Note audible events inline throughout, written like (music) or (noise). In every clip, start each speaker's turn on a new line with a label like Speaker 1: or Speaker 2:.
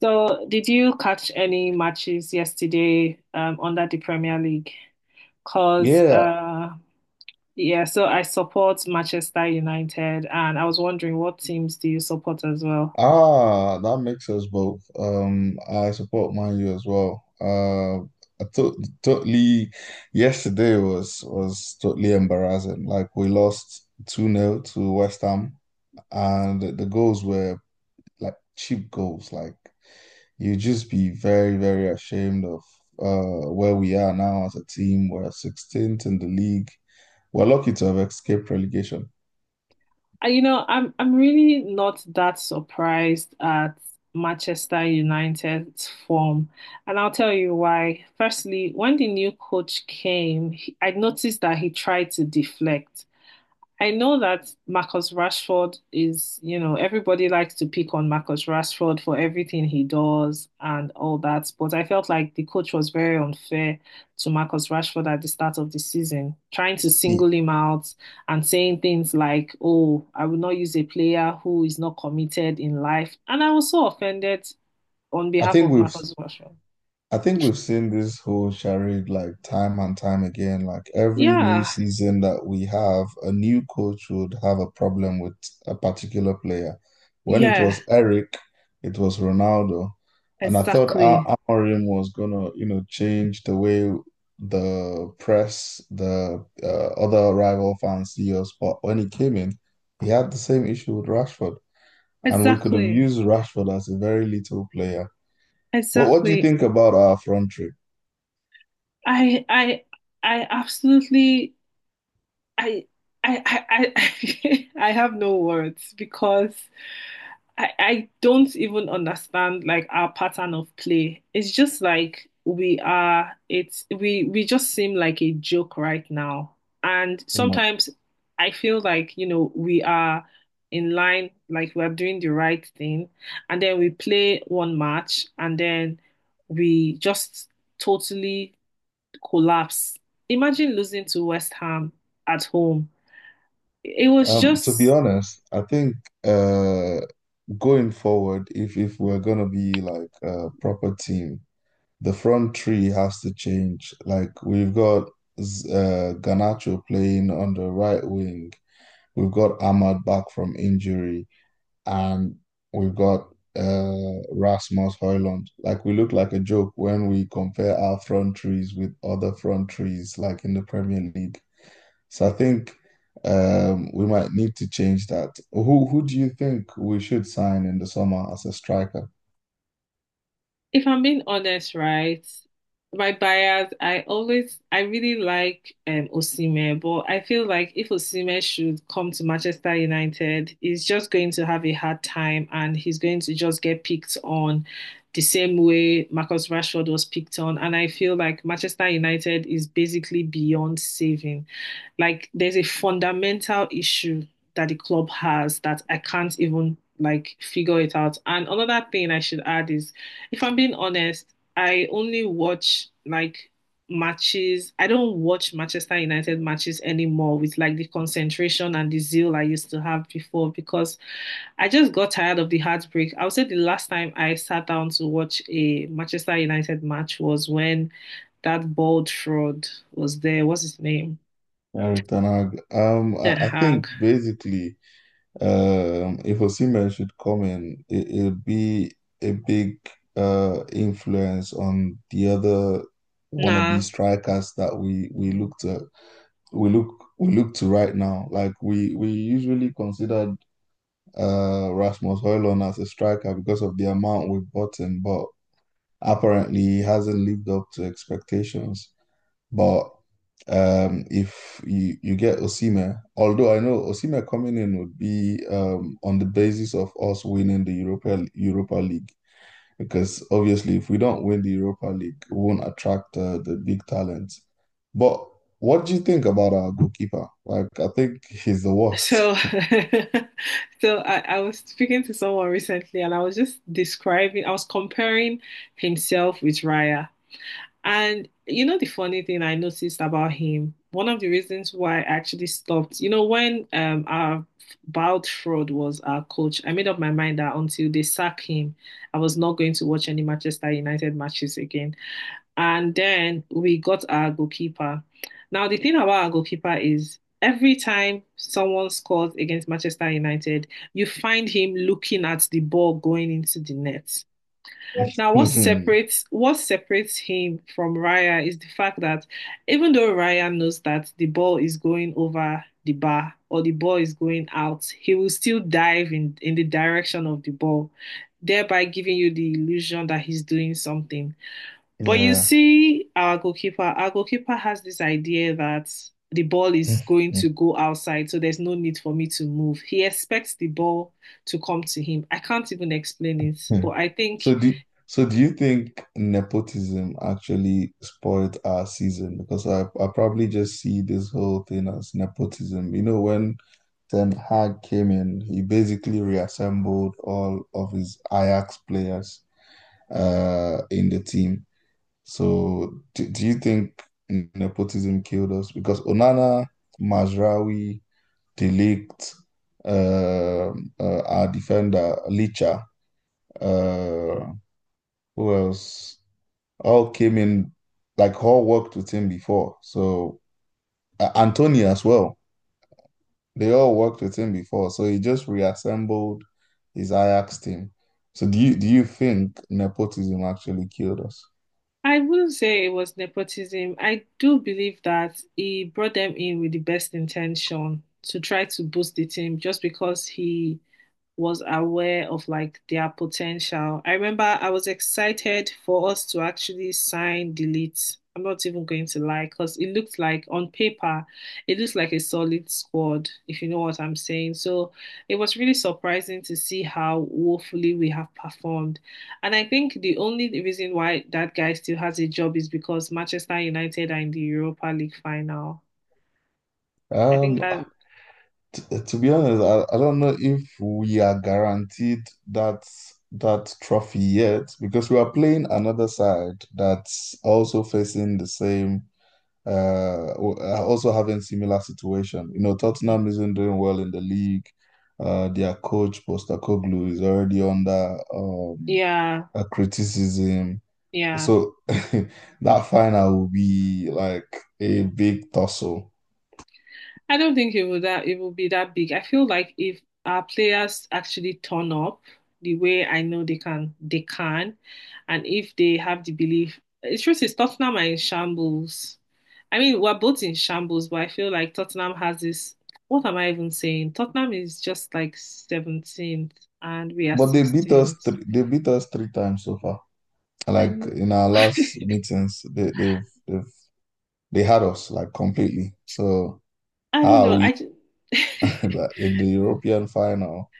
Speaker 1: So, did you catch any matches yesterday under the Premier League? Because,
Speaker 2: Yeah,
Speaker 1: yeah, so I support Manchester United, and I was wondering what teams do you support as well?
Speaker 2: ah, that makes us both. I support Man U as well. I to totally yesterday was totally embarrassing. Like we lost 2 nil to West Ham, and the goals were like cheap goals. Like you just be very, very ashamed of where we are now as a team. We're 16th in the league. We're lucky to have escaped relegation.
Speaker 1: I'm really not that surprised at Manchester United's form, and I'll tell you why. Firstly, when the new coach came, he, I noticed that he tried to deflect. I know that Marcus Rashford is, everybody likes to pick on Marcus Rashford for everything he does and all that, but I felt like the coach was very unfair to Marcus Rashford at the start of the season, trying to
Speaker 2: Yeah.
Speaker 1: single him out and saying things like, "Oh, I will not use a player who is not committed in life." And I was so offended on
Speaker 2: I
Speaker 1: behalf
Speaker 2: think
Speaker 1: of
Speaker 2: we've
Speaker 1: Marcus Rashford.
Speaker 2: I think we've seen this whole charade like time and time again. Like every new
Speaker 1: Yeah,
Speaker 2: season that we have, a new coach would have a problem with a particular player. When it
Speaker 1: yeah,
Speaker 2: was Eric, it was Ronaldo. And I thought
Speaker 1: exactly.
Speaker 2: Al Amorim was gonna, you know, change the way the press, the other rival fans see us. But when he came in, he had the same issue with Rashford. And we could have
Speaker 1: Exactly.
Speaker 2: used Rashford as a very little player. What do you
Speaker 1: Exactly.
Speaker 2: think about our front three?
Speaker 1: I I I absolutely. I (laughs) I have no words because I don't even understand like our pattern of play. It's just like we are it's we just seem like a joke right now. And
Speaker 2: My-
Speaker 1: sometimes I feel like, you know, we are in line, like we're doing the right thing, and then we play one match and then we just totally collapse. Imagine losing to West Ham at home. It was
Speaker 2: To be
Speaker 1: just—
Speaker 2: honest, I think uh going forward, if we're gonna be like a proper team, the front three has to change. Like we've got Garnacho playing on the right wing, we've got Ahmad back from injury, and we've got Rasmus Højlund. Like we look like a joke when we compare our front threes with other front threes like in the Premier League. So I think we might need to change that. Who do you think we should sign in the summer as a striker?
Speaker 1: If I'm being honest, right, my bias, I always, I really like Osimhen, but I feel like if Osimhen should come to Manchester United, he's just going to have a hard time and he's going to just get picked on the same way Marcus Rashford was picked on. And I feel like Manchester United is basically beyond saving. Like there's a fundamental issue that the club has that I can't even like figure it out. And another thing I should add is, if I'm being honest, I only watch like matches. I don't watch Manchester United matches anymore with like the concentration and the zeal I used to have before because I just got tired of the heartbreak. I would say the last time I sat down to watch a Manchester United match was when that bald fraud was there. What's his name?
Speaker 2: Eric Ten Hag.
Speaker 1: Ten
Speaker 2: I think
Speaker 1: Hag.
Speaker 2: basically, if Osimhen should come in, it'll be a big influence on the other wannabe
Speaker 1: Nah.
Speaker 2: strikers that we look to right now. Like we usually considered Rasmus Højlund as a striker because of the amount we bought him, but apparently he hasn't lived up to expectations. But if you get Osimhen, although I know Osimhen coming in would be on the basis of us winning the Europa League, because obviously if we don't win the Europa League, we won't attract the big talents. But what do you think about our goalkeeper? Like, I think he's the worst.
Speaker 1: So, (laughs) so I was speaking to someone recently and I was just describing, I was comparing himself with Raya. And you know, the funny thing I noticed about him, one of the reasons why I actually stopped, you know, when our Bald Fraud was our coach, I made up my mind that until they sack him, I was not going to watch any Manchester United matches again. And then we got our goalkeeper. Now, the thing about our goalkeeper is every time someone scores against Manchester United, you find him looking at the ball going into the net. Now, what
Speaker 2: (laughs)
Speaker 1: separates what separates him from Raya is the fact that even though Raya knows that the ball is going over the bar or the ball is going out, he will still dive in the direction of the ball, thereby giving you the illusion that he's doing something. But you
Speaker 2: Yeah.
Speaker 1: see, our goalkeeper has this idea that the ball is going to go outside, so there's no need for me to move. He expects the ball to come to him. I can't even explain it, but
Speaker 2: (laughs)
Speaker 1: I think—
Speaker 2: So do do you think nepotism actually spoiled our season? Because I probably just see this whole thing as nepotism. You know, when Ten Hag came in, he basically reassembled all of his Ajax players in the team. So do you think nepotism killed us? Because Onana, Mazraoui, De Ligt, our defender, Licha, uh, who else? All came in, like all worked with him before. So Antonio as well. They all worked with him before. So he just reassembled his Ajax team. So do you think nepotism actually killed us?
Speaker 1: I wouldn't say it was nepotism. I do believe that he brought them in with the best intention to try to boost the team just because he was aware of like their potential. I remember I was excited for us to actually sign Delete. I'm not even going to lie, because it looked like on paper, it looks like a solid squad, if you know what I'm saying. So it was really surprising to see how woefully we have performed. And I think the only reason why that guy still has a job is because Manchester United are in the Europa League final. I think
Speaker 2: Um,
Speaker 1: that,
Speaker 2: to be honest, I don't know if we are guaranteed that that trophy yet because we are playing another side that's also facing the same are also having similar situation. You know, Tottenham isn't doing well in the league. Their coach Postecoglou is already under
Speaker 1: yeah,
Speaker 2: a criticism.
Speaker 1: yeah.
Speaker 2: So (laughs) that final will be like a big tussle.
Speaker 1: I don't think it would— that it will be that big. I feel like if our players actually turn up the way I know they can, and if they have the belief, the truth is Tottenham are in shambles. I mean, we're both in shambles, but I feel like Tottenham has this. What am I even saying? Tottenham is just like 17th, and we are
Speaker 2: But
Speaker 1: 16th.
Speaker 2: they beat us three times so far.
Speaker 1: I
Speaker 2: Like
Speaker 1: know.
Speaker 2: in our
Speaker 1: (laughs)
Speaker 2: last meetings, they've they had us like completely. So
Speaker 1: I don't
Speaker 2: how are
Speaker 1: know.
Speaker 2: we
Speaker 1: I just,
Speaker 2: (laughs) in the European final?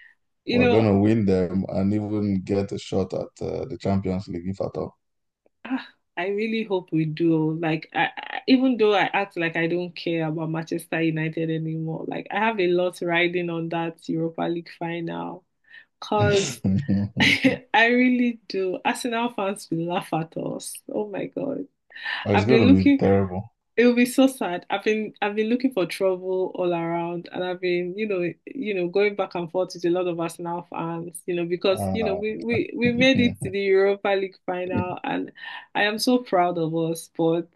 Speaker 1: (laughs) you
Speaker 2: We're
Speaker 1: know—
Speaker 2: gonna win them and even get a shot at the Champions League if at all.
Speaker 1: Ah, I really hope we do. Like, I, even though I act like I don't care about Manchester United anymore, like I have a lot riding on that Europa League final. Cause (laughs)
Speaker 2: (laughs)
Speaker 1: I really do. Arsenal fans will laugh at us. Oh my God.
Speaker 2: Oh, it's
Speaker 1: I've
Speaker 2: gonna
Speaker 1: been
Speaker 2: be
Speaker 1: looking—
Speaker 2: terrible.
Speaker 1: it will be so sad. I've been looking for trouble all around, and I've been, you know, going back and forth with a lot of Arsenal fans, you know, because you know
Speaker 2: Uh,
Speaker 1: we
Speaker 2: (laughs)
Speaker 1: made it to the Europa League final, and I am so proud of us. But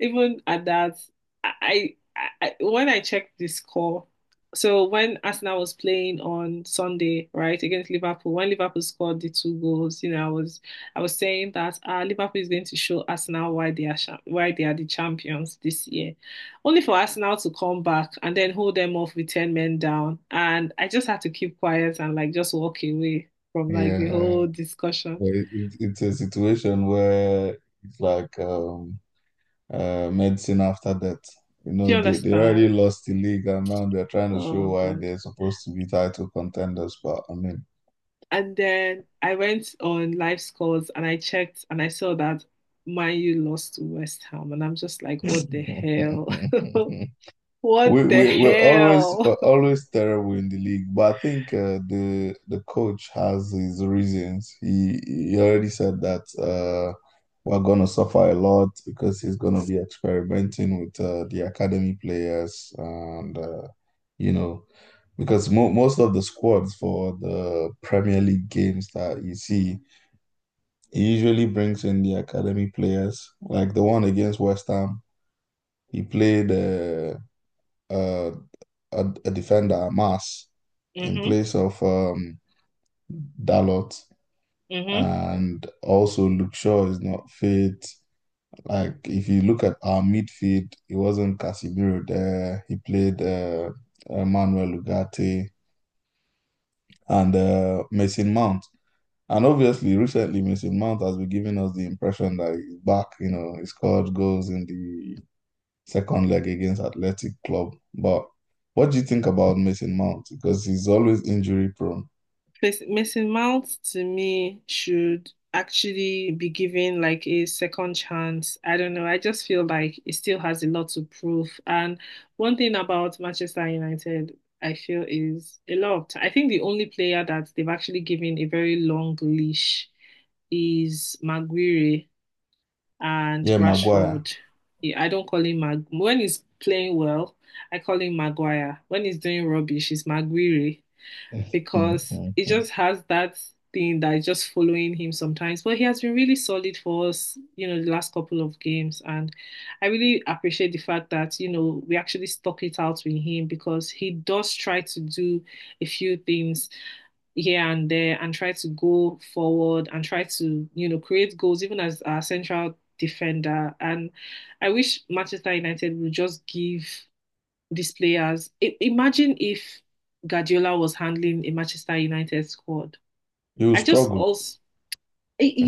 Speaker 1: even at that, I, when I checked the score, so when Arsenal was playing on Sunday, right, against Liverpool, when Liverpool scored the two goals, you know, I was saying that Liverpool is going to show Arsenal why they are why they are the champions this year, only for Arsenal to come back and then hold them off with ten men down, and I just had to keep quiet and like just walk away from like the
Speaker 2: yeah,
Speaker 1: whole discussion.
Speaker 2: but it's a situation where it's like medicine after death. You
Speaker 1: Do
Speaker 2: know,
Speaker 1: you
Speaker 2: they already
Speaker 1: understand?
Speaker 2: lost the league and now they're trying to
Speaker 1: Oh
Speaker 2: show why
Speaker 1: God.
Speaker 2: they're supposed to be title contenders. But I mean,
Speaker 1: And then I went on live scores and I checked and I saw that Man U lost to West Ham. And I'm just like, what the hell? (laughs)
Speaker 2: (laughs)
Speaker 1: What the hell?
Speaker 2: We're always terrible in the league, but I think the coach has his reasons. He already said that we're gonna suffer a lot because he's gonna be experimenting with the academy players, and you know because mo most of the squads for the Premier League games that you see, he usually brings in the academy players, like the one against West Ham. He played. Uh a defender, Mas, in
Speaker 1: Hmm.
Speaker 2: place of Dalot.
Speaker 1: Hmm.
Speaker 2: And also, Luke Shaw is not fit. Like, if you look at our midfield, it wasn't Casemiro there. He played Manuel Ugarte and Mason Mount. And obviously, recently, Mason Mount has been giving us the impression that he's back. You know, he scored goals in the second leg against Athletic Club. But what do you think about Mason Mount? Because he's always injury prone.
Speaker 1: Mason Mount to me should actually be given like a second chance. I don't know. I just feel like it still has a lot to prove. And one thing about Manchester United, I feel is a lot of time. I think the only player that they've actually given a very long leash is Maguire and
Speaker 2: Yeah, Maguire.
Speaker 1: Rashford. Yeah, I don't call him Mag when he's playing well, I call him Maguire. When he's doing rubbish, it's Maguire
Speaker 2: (laughs)
Speaker 1: because it just has that thing that is just following him sometimes. But he has been really solid for us, you know, the last couple of games. And I really appreciate the fact that, you know, we actually stuck it out with him because he does try to do a few things here and there and try to go forward and try to, you know, create goals even as our central defender. And I wish Manchester United would just give these players— I imagine if Guardiola was handling a Manchester United squad.
Speaker 2: He will
Speaker 1: I just
Speaker 2: struggle.
Speaker 1: also,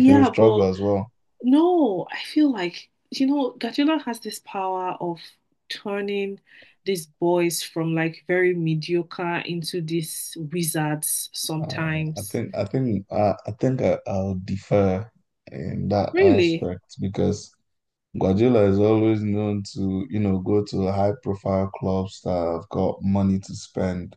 Speaker 2: He will struggle
Speaker 1: but
Speaker 2: as well.
Speaker 1: no, I feel like, you know, Guardiola has this power of turning these boys from like very mediocre into these wizards
Speaker 2: I
Speaker 1: sometimes.
Speaker 2: think. I think. I think. I, I'll defer in that
Speaker 1: Really.
Speaker 2: aspect because Guardiola is always known to, you know, go to high-profile clubs that have got money to spend.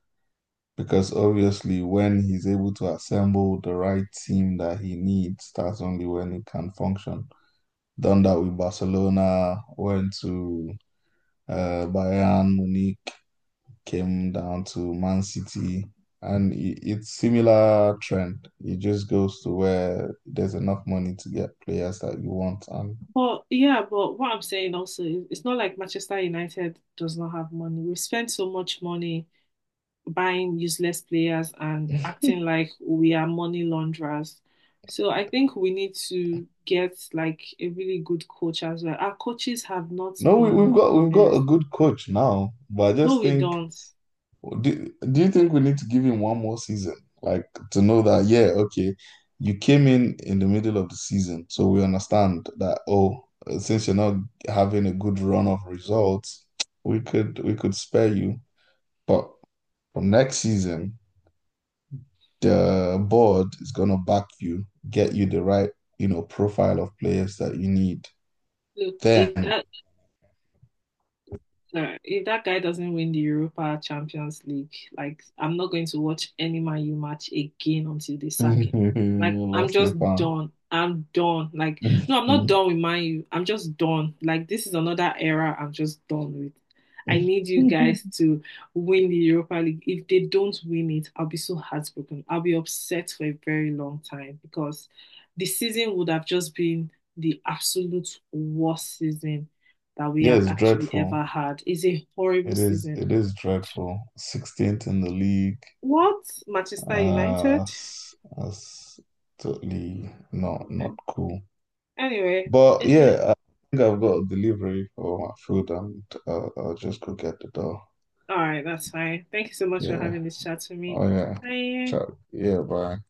Speaker 2: Because obviously, when he's able to assemble the right team that he needs, that's only when he can function. Done that with Barcelona. Went to Bayern Munich, came down to Man City, and it's similar trend. It just goes to where there's enough money to get players that you want. And
Speaker 1: But yeah, but what I'm saying also is it's not like Manchester United does not have money. We've spent so much money buying useless players and acting like we are money launderers. So I think we need to get like a really good coach as well. Our coaches have not
Speaker 2: no,
Speaker 1: been the
Speaker 2: we've got a
Speaker 1: best.
Speaker 2: good coach now, but I
Speaker 1: No,
Speaker 2: just
Speaker 1: we
Speaker 2: think,
Speaker 1: don't.
Speaker 2: do you think we need to give him one more season, like to know that, yeah, okay, you came in the middle of the season, so we understand that. Oh. Since you're not having a good run of results, we could spare you. But from next season, the board is going to back you, get you the right, you know, profile of players that you need.
Speaker 1: Look, if
Speaker 2: Then
Speaker 1: that— no, if that guy doesn't win the Europa Champions League, like I'm not going to watch any Man U match again until they
Speaker 2: (laughs)
Speaker 1: sack him. Like I'm
Speaker 2: lost
Speaker 1: just
Speaker 2: a fan.
Speaker 1: done. I'm done. Like no, I'm not
Speaker 2: (laughs)
Speaker 1: done with Man U. I'm just done. Like this is another era I'm just done with. I need you guys to win the Europa League. If they don't win it, I'll be so heartbroken. I'll be upset for a very long time because the season would have just been the absolute worst season that we
Speaker 2: Yeah,
Speaker 1: have
Speaker 2: it's
Speaker 1: actually
Speaker 2: dreadful.
Speaker 1: ever had. It's a horrible
Speaker 2: It is.
Speaker 1: season.
Speaker 2: It is dreadful. 16th in the league.
Speaker 1: What? Manchester
Speaker 2: Uh,
Speaker 1: United?
Speaker 2: that's totally not cool.
Speaker 1: Anyway,
Speaker 2: But
Speaker 1: it's been—
Speaker 2: yeah, I think I've got a delivery for my food, and I'll just go get the door.
Speaker 1: all right, that's fine. Thank you so much for
Speaker 2: Yeah.
Speaker 1: having this chat with me.
Speaker 2: Oh yeah.
Speaker 1: Bye.
Speaker 2: Ciao. Yeah. Bye.